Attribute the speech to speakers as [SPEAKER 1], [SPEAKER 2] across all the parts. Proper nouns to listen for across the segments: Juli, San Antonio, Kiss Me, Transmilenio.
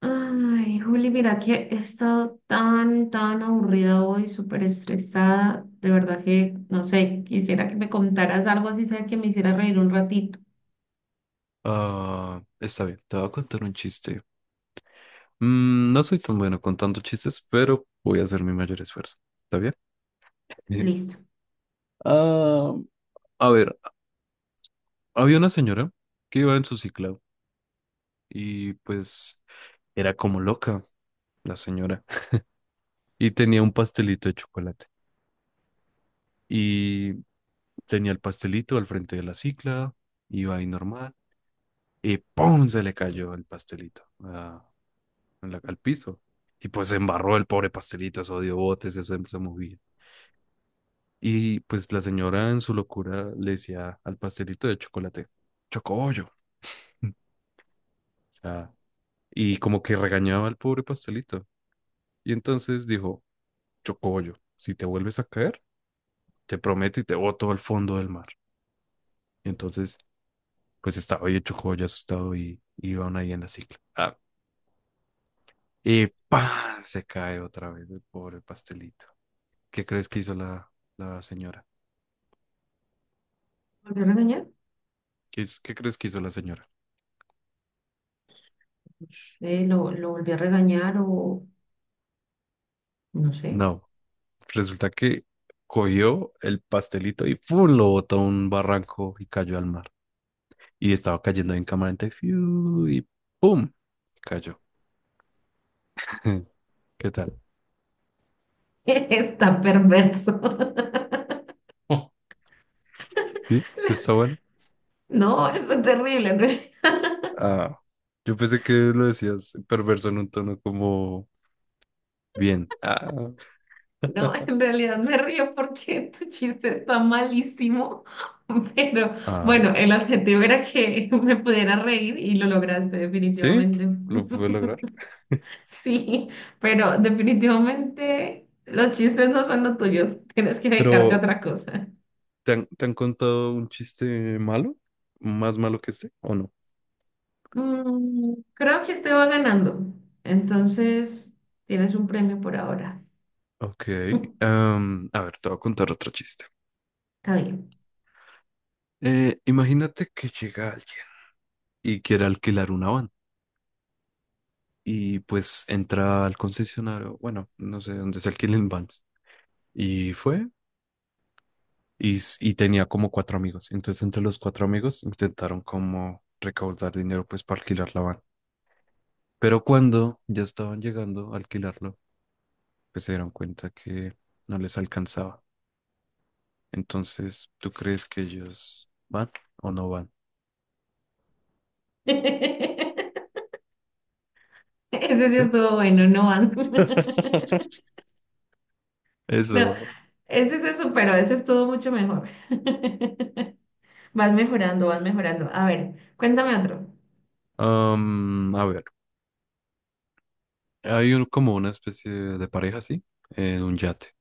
[SPEAKER 1] Ay, Juli, mira que he estado tan, tan aburrida hoy, súper estresada. De verdad que, no sé, quisiera que me contaras algo así, sea que me hiciera reír un ratito.
[SPEAKER 2] Está bien, te voy a contar un chiste. No soy tan bueno contando chistes, pero voy a hacer mi mayor esfuerzo. ¿Está bien?
[SPEAKER 1] Listo.
[SPEAKER 2] Ah, a ver, había una señora que iba en su cicla y pues era como loca la señora y tenía un pastelito de chocolate y tenía el pastelito al frente de la cicla, iba ahí normal y ¡pum! Se le cayó el pastelito, en al piso y pues se embarró el pobre pastelito, eso dio botes, eso se movía. Y pues la señora en su locura le decía al pastelito de chocolate, chocobollo. O sea, y como que regañaba al pobre pastelito. Y entonces dijo, chocobollo, si te vuelves a caer, te prometo y te boto al fondo del mar. Y entonces, pues estaba ahí el chocobollo asustado y iban ahí en la cicla. Y ¡pam! Se cae otra vez el pobre pastelito. ¿Qué crees que hizo la señora?
[SPEAKER 1] ¿Volvió a regañar?
[SPEAKER 2] ¿Qué, qué crees que hizo la señora?
[SPEAKER 1] Lo volví a regañar o no sé.
[SPEAKER 2] No. Resulta que cogió el pastelito y ¡pum! Lo botó a un barranco y cayó al mar. Y estaba cayendo en cámara lenta y ¡fiu! Y ¡pum! Cayó. ¿Qué tal?
[SPEAKER 1] Está perverso.
[SPEAKER 2] Oh, ¿sí? ¿Está bueno?
[SPEAKER 1] No, esto es terrible.
[SPEAKER 2] Ah, yo pensé que lo decías perverso en un tono como bien.
[SPEAKER 1] No, en realidad me río porque tu chiste está malísimo. Pero
[SPEAKER 2] Ay.
[SPEAKER 1] bueno, el objetivo era que me pudiera reír y lo lograste
[SPEAKER 2] ¿Sí?
[SPEAKER 1] definitivamente.
[SPEAKER 2] Lo pude lograr.
[SPEAKER 1] Sí, pero definitivamente los chistes no son lo tuyo. Tienes que dedicarte a
[SPEAKER 2] Pero,
[SPEAKER 1] otra cosa.
[SPEAKER 2] te han contado un chiste malo? ¿Más malo que este o no?
[SPEAKER 1] Creo que estoy va ganando. Entonces, tienes un premio por ahora.
[SPEAKER 2] Ok. A ver, te voy a contar otro chiste.
[SPEAKER 1] Está bien.
[SPEAKER 2] Imagínate que llega alguien y quiere alquilar una van y pues entra al concesionario, bueno, no sé dónde se alquilen vans y fue y, y tenía como cuatro amigos. Entonces entre los cuatro amigos intentaron como recaudar dinero pues para alquilar la van. Pero cuando ya estaban llegando a alquilarlo, pues se dieron cuenta que no les alcanzaba. Entonces, ¿tú crees que ellos van o no van?
[SPEAKER 1] Ese sí
[SPEAKER 2] ¿Sí?
[SPEAKER 1] estuvo bueno, no van. No,
[SPEAKER 2] Eso.
[SPEAKER 1] ese se superó, ese estuvo mucho mejor. Vas mejorando, vas mejorando. A ver, cuéntame otro.
[SPEAKER 2] A ver. Hay como una especie de pareja así, en un yate.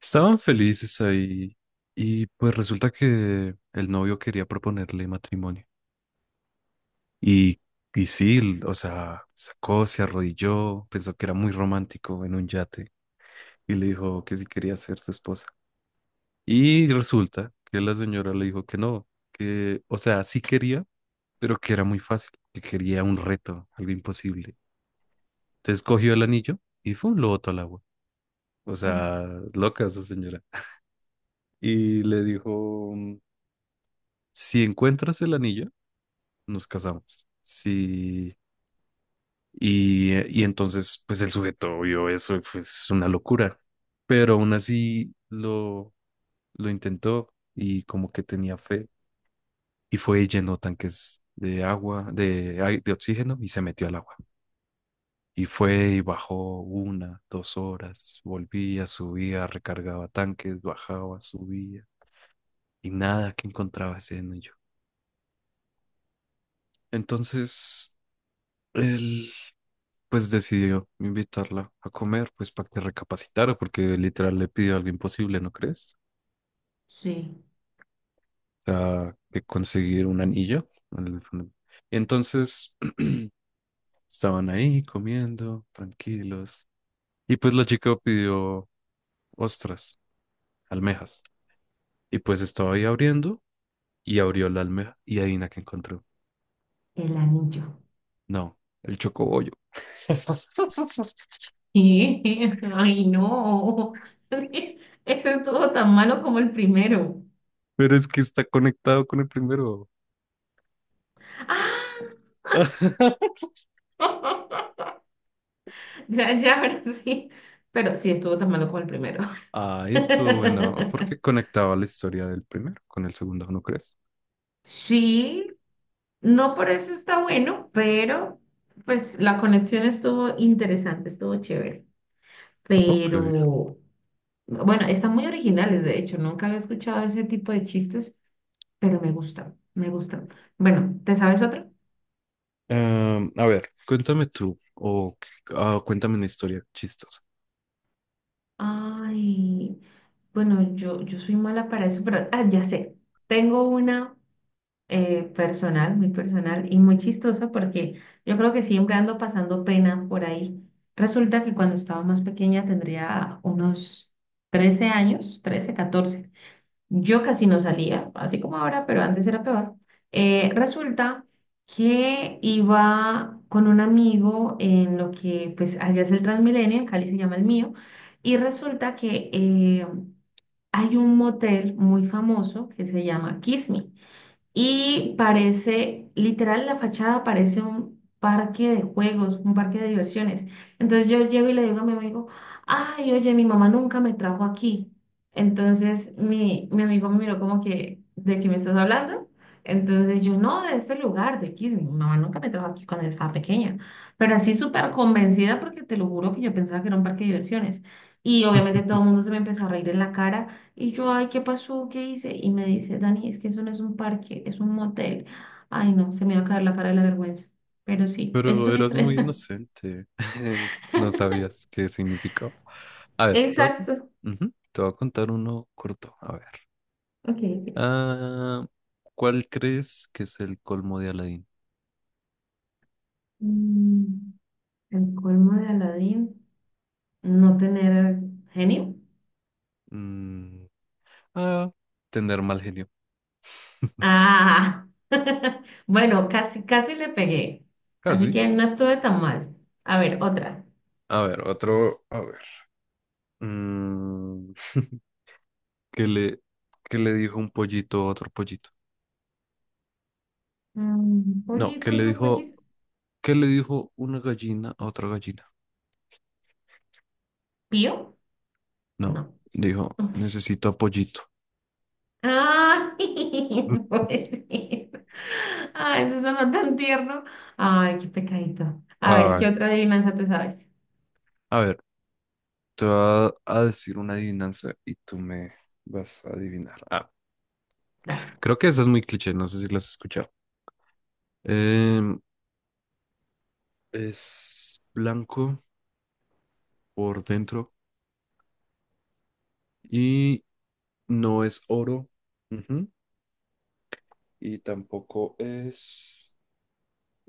[SPEAKER 2] Estaban felices ahí y pues resulta que el novio quería proponerle matrimonio. Y, y sí, o sea, sacó, se arrodilló, pensó que era muy romántico en un yate y le dijo que si quería ser su esposa. Y resulta que la señora le dijo que no, que, o sea, sí quería, pero que era muy fácil, que quería un reto, algo imposible. Entonces cogió el anillo y fue lo botó al agua. O
[SPEAKER 1] Oh,
[SPEAKER 2] sea, loca esa señora. Y le dijo, si encuentras el anillo, nos casamos. Sí, y entonces, pues el sujeto vio eso y fue es una locura, pero aún así lo intentó y como que tenía fe y fue y llenó tanques de agua, de, de oxígeno y se metió al agua. Y fue y bajó una, dos horas, volvía, subía, recargaba tanques, bajaba, subía y nada que encontraba ese anillo. Entonces él pues decidió invitarla a comer pues para que recapacitara porque literal le pidió algo imposible, ¿no crees?
[SPEAKER 1] sí,
[SPEAKER 2] O sea, que conseguir un anillo. el- Entonces estaban ahí comiendo, tranquilos. Y pues la chica pidió ostras, almejas. Y pues estaba ahí abriendo y abrió la almeja y adivina que encontró.
[SPEAKER 1] el anillo.
[SPEAKER 2] No, el chocobollo.
[SPEAKER 1] ¿Qué? Ay, no. Ese estuvo tan malo como el primero.
[SPEAKER 2] Pero es que está conectado con el primero.
[SPEAKER 1] ¡Ah! Ya, ya, ahora sí. Pero sí estuvo tan malo como el primero.
[SPEAKER 2] Ah, estuvo bueno, porque conectaba la historia del primero con el segundo, ¿no crees?
[SPEAKER 1] Sí, no por eso está bueno, pero pues la conexión estuvo interesante, estuvo chévere.
[SPEAKER 2] Ok.
[SPEAKER 1] Pero bueno, están muy originales, de hecho, nunca había escuchado ese tipo de chistes, pero me gustan, me gustan. Bueno, ¿te sabes otro?
[SPEAKER 2] A ver, cuéntame tú, o cuéntame una historia chistosa.
[SPEAKER 1] Ay, bueno, yo soy mala para eso, pero ah, ya sé, tengo una personal, muy personal y muy chistosa porque yo creo que siempre ando pasando pena por ahí. Resulta que cuando estaba más pequeña tendría unos 13 años, 13, 14. Yo casi no salía, así como ahora, pero antes era peor. Resulta que iba con un amigo en lo que, pues, allá es el Transmilenio, en Cali se llama el mío, y resulta que hay un motel muy famoso que se llama Kiss Me. Y parece, literal, la fachada parece un parque de juegos, un parque de diversiones. Entonces yo llego y le digo a mi amigo, ay, oye, mi mamá nunca me trajo aquí. Entonces mi amigo me miró como que, ¿de qué me estás hablando? Entonces yo, no, de este lugar, de Kismi, mi mamá nunca me trajo aquí cuando yo estaba pequeña. Pero así súper convencida porque te lo juro que yo pensaba que era un parque de diversiones. Y obviamente todo el mundo se me empezó a reír en la cara. Y yo, ay, ¿qué pasó? ¿Qué hice? Y me dice, Dani, es que eso no es un parque, es un motel. Ay, no, se me va a caer la cara de la vergüenza. Pero sí, es
[SPEAKER 2] Pero
[SPEAKER 1] una
[SPEAKER 2] eras muy
[SPEAKER 1] historia.
[SPEAKER 2] inocente, no sabías qué significaba. A ver, te voy a, con-
[SPEAKER 1] Exacto.
[SPEAKER 2] ujú, te voy a contar uno corto, a ver.
[SPEAKER 1] Ok. Ok.
[SPEAKER 2] Ah, ¿Cuál crees que es el colmo de Aladdin?
[SPEAKER 1] Mm, el colmo de Aladín, no tener genio.
[SPEAKER 2] Mm, ah, tener mal genio.
[SPEAKER 1] Ah, bueno, casi, casi le pegué. Así
[SPEAKER 2] Casi.
[SPEAKER 1] que no estuve tan mal. A ver, otra.
[SPEAKER 2] A ver, otro, a ver. Mm, ¿Qué le, qué le dijo un pollito a otro pollito? No,
[SPEAKER 1] Pollito, otro pollito.
[SPEAKER 2] qué le dijo una gallina a otra gallina?
[SPEAKER 1] ¿Pío?
[SPEAKER 2] No,
[SPEAKER 1] No.
[SPEAKER 2] dijo, necesito a pollito.
[SPEAKER 1] Ay, pobrecito. Ay, eso sonó tan tierno. Ay, qué pecadito. A ver, ¿qué
[SPEAKER 2] Ah,
[SPEAKER 1] otra adivinanza te sabes?
[SPEAKER 2] a ver, te voy a, a decir una adivinanza y tú me vas a adivinar.
[SPEAKER 1] Da.
[SPEAKER 2] Creo que esa es muy cliché, no sé si la has escuchado. Em, es blanco por dentro y no es oro. Ujú, y tampoco es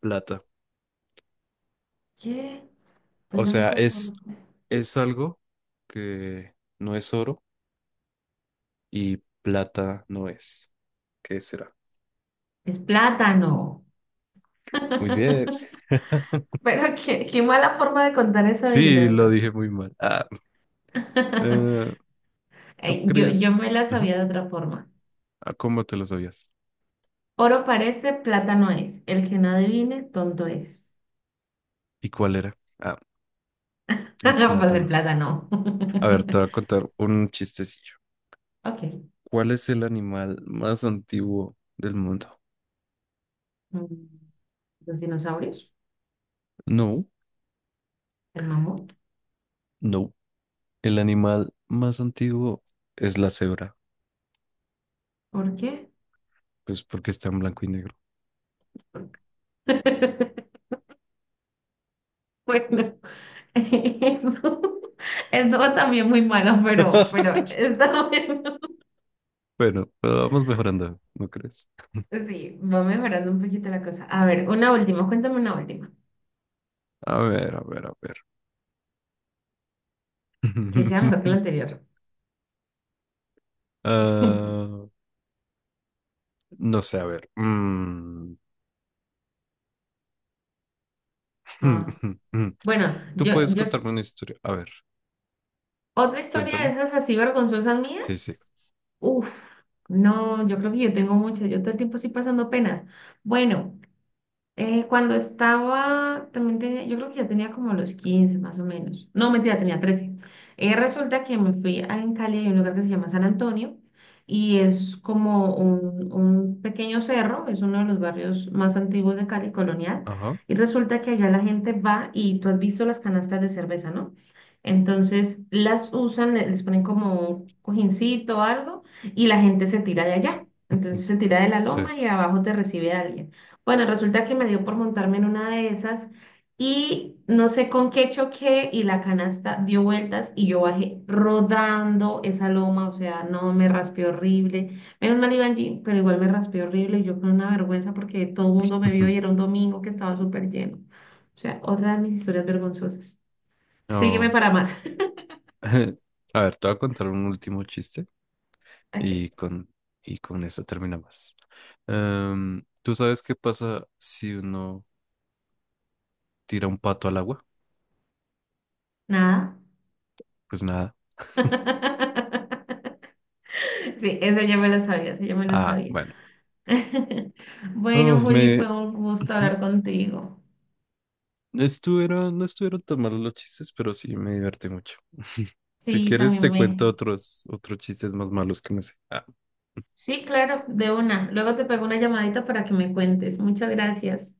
[SPEAKER 2] plata.
[SPEAKER 1] ¿Qué?
[SPEAKER 2] O sea,
[SPEAKER 1] Blanco por...
[SPEAKER 2] es algo que no es oro y plata no es. ¿Qué será?
[SPEAKER 1] Es plátano.
[SPEAKER 2] Muy bien.
[SPEAKER 1] Pero qué mala forma de contar esa
[SPEAKER 2] Sí, lo
[SPEAKER 1] adivinanza.
[SPEAKER 2] dije muy mal. Eh, ¿Tú
[SPEAKER 1] Ay, Yo,
[SPEAKER 2] crees?
[SPEAKER 1] yo me la
[SPEAKER 2] Ujú.
[SPEAKER 1] sabía de otra forma.
[SPEAKER 2] ¿Cómo te lo sabías?
[SPEAKER 1] Oro parece, plátano es. El que no adivine, tonto es.
[SPEAKER 2] ¿Y cuál era? El
[SPEAKER 1] Pues el
[SPEAKER 2] plátano.
[SPEAKER 1] plátano.
[SPEAKER 2] A ver, te voy a contar un chistecillo.
[SPEAKER 1] Ok.
[SPEAKER 2] ¿Cuál es el animal más antiguo del mundo?
[SPEAKER 1] Mm, Los dinosaurios,
[SPEAKER 2] No,
[SPEAKER 1] el mamut.
[SPEAKER 2] no. El animal más antiguo es la cebra,
[SPEAKER 1] ¿Por qué?
[SPEAKER 2] pues porque está en blanco y negro.
[SPEAKER 1] Bueno, eso estuvo también muy malo, pero está bueno.
[SPEAKER 2] Bueno, pero vamos mejorando, ¿no crees?
[SPEAKER 1] Sí, va mejorando un poquito la cosa. A ver, una última, cuéntame una última,
[SPEAKER 2] A ver, a ver, a ver.
[SPEAKER 1] que sea mejor que la anterior.
[SPEAKER 2] Ah, no sé, a ver.
[SPEAKER 1] Ah, bueno,
[SPEAKER 2] Tú puedes contarme una historia. A ver,
[SPEAKER 1] otra historia de
[SPEAKER 2] cuéntame.
[SPEAKER 1] esas así vergonzosas mía.
[SPEAKER 2] Sí, sí.
[SPEAKER 1] Uf, no, yo creo que yo tengo muchas, yo todo el tiempo estoy pasando penas. Bueno. Cuando estaba, también tenía, yo creo que ya tenía como los 15 más o menos. No, mentira, tenía 13. Resulta que me fui a, en Cali, hay un lugar que se llama San Antonio y es como un pequeño cerro, es uno de los barrios más antiguos de Cali, colonial.
[SPEAKER 2] Ajá.
[SPEAKER 1] Y resulta que allá la gente va y tú has visto las canastas de cerveza, ¿no? Entonces las usan, les ponen como un cojincito o algo y la gente se tira de allá. Entonces se tira de la
[SPEAKER 2] Sí.
[SPEAKER 1] loma y abajo te recibe alguien. Bueno, resulta que me dio por montarme en una de esas y no sé con qué choqué y la canasta dio vueltas y yo bajé rodando esa loma, o sea, no, me raspé horrible. Menos mal iba en jean, pero igual me raspé horrible y yo con una vergüenza porque todo el mundo me vio y era un domingo que estaba súper lleno. O sea, otra de mis historias vergonzosas. Sígueme
[SPEAKER 2] Oh,
[SPEAKER 1] para más.
[SPEAKER 2] A ver, te voy a contar un último chiste
[SPEAKER 1] Ok,
[SPEAKER 2] y con, y con eso terminamos. ¿Tú sabes qué pasa si uno tira un pato al agua?
[SPEAKER 1] nada.
[SPEAKER 2] Pues nada.
[SPEAKER 1] Sí, esa ya me la sabía, esa ya me la
[SPEAKER 2] Ah,
[SPEAKER 1] sabía.
[SPEAKER 2] bueno.
[SPEAKER 1] Bueno,
[SPEAKER 2] Uf,
[SPEAKER 1] Juli,
[SPEAKER 2] me,
[SPEAKER 1] fue un gusto hablar contigo.
[SPEAKER 2] No estuvieron, no estuvieron tan malos los chistes, pero sí me divertí mucho. Si
[SPEAKER 1] Sí,
[SPEAKER 2] quieres,
[SPEAKER 1] también
[SPEAKER 2] te
[SPEAKER 1] me.
[SPEAKER 2] cuento otros chistes más malos que me sé. Ah.
[SPEAKER 1] Sí, claro, de una. Luego te pego una llamadita para que me cuentes. Muchas gracias.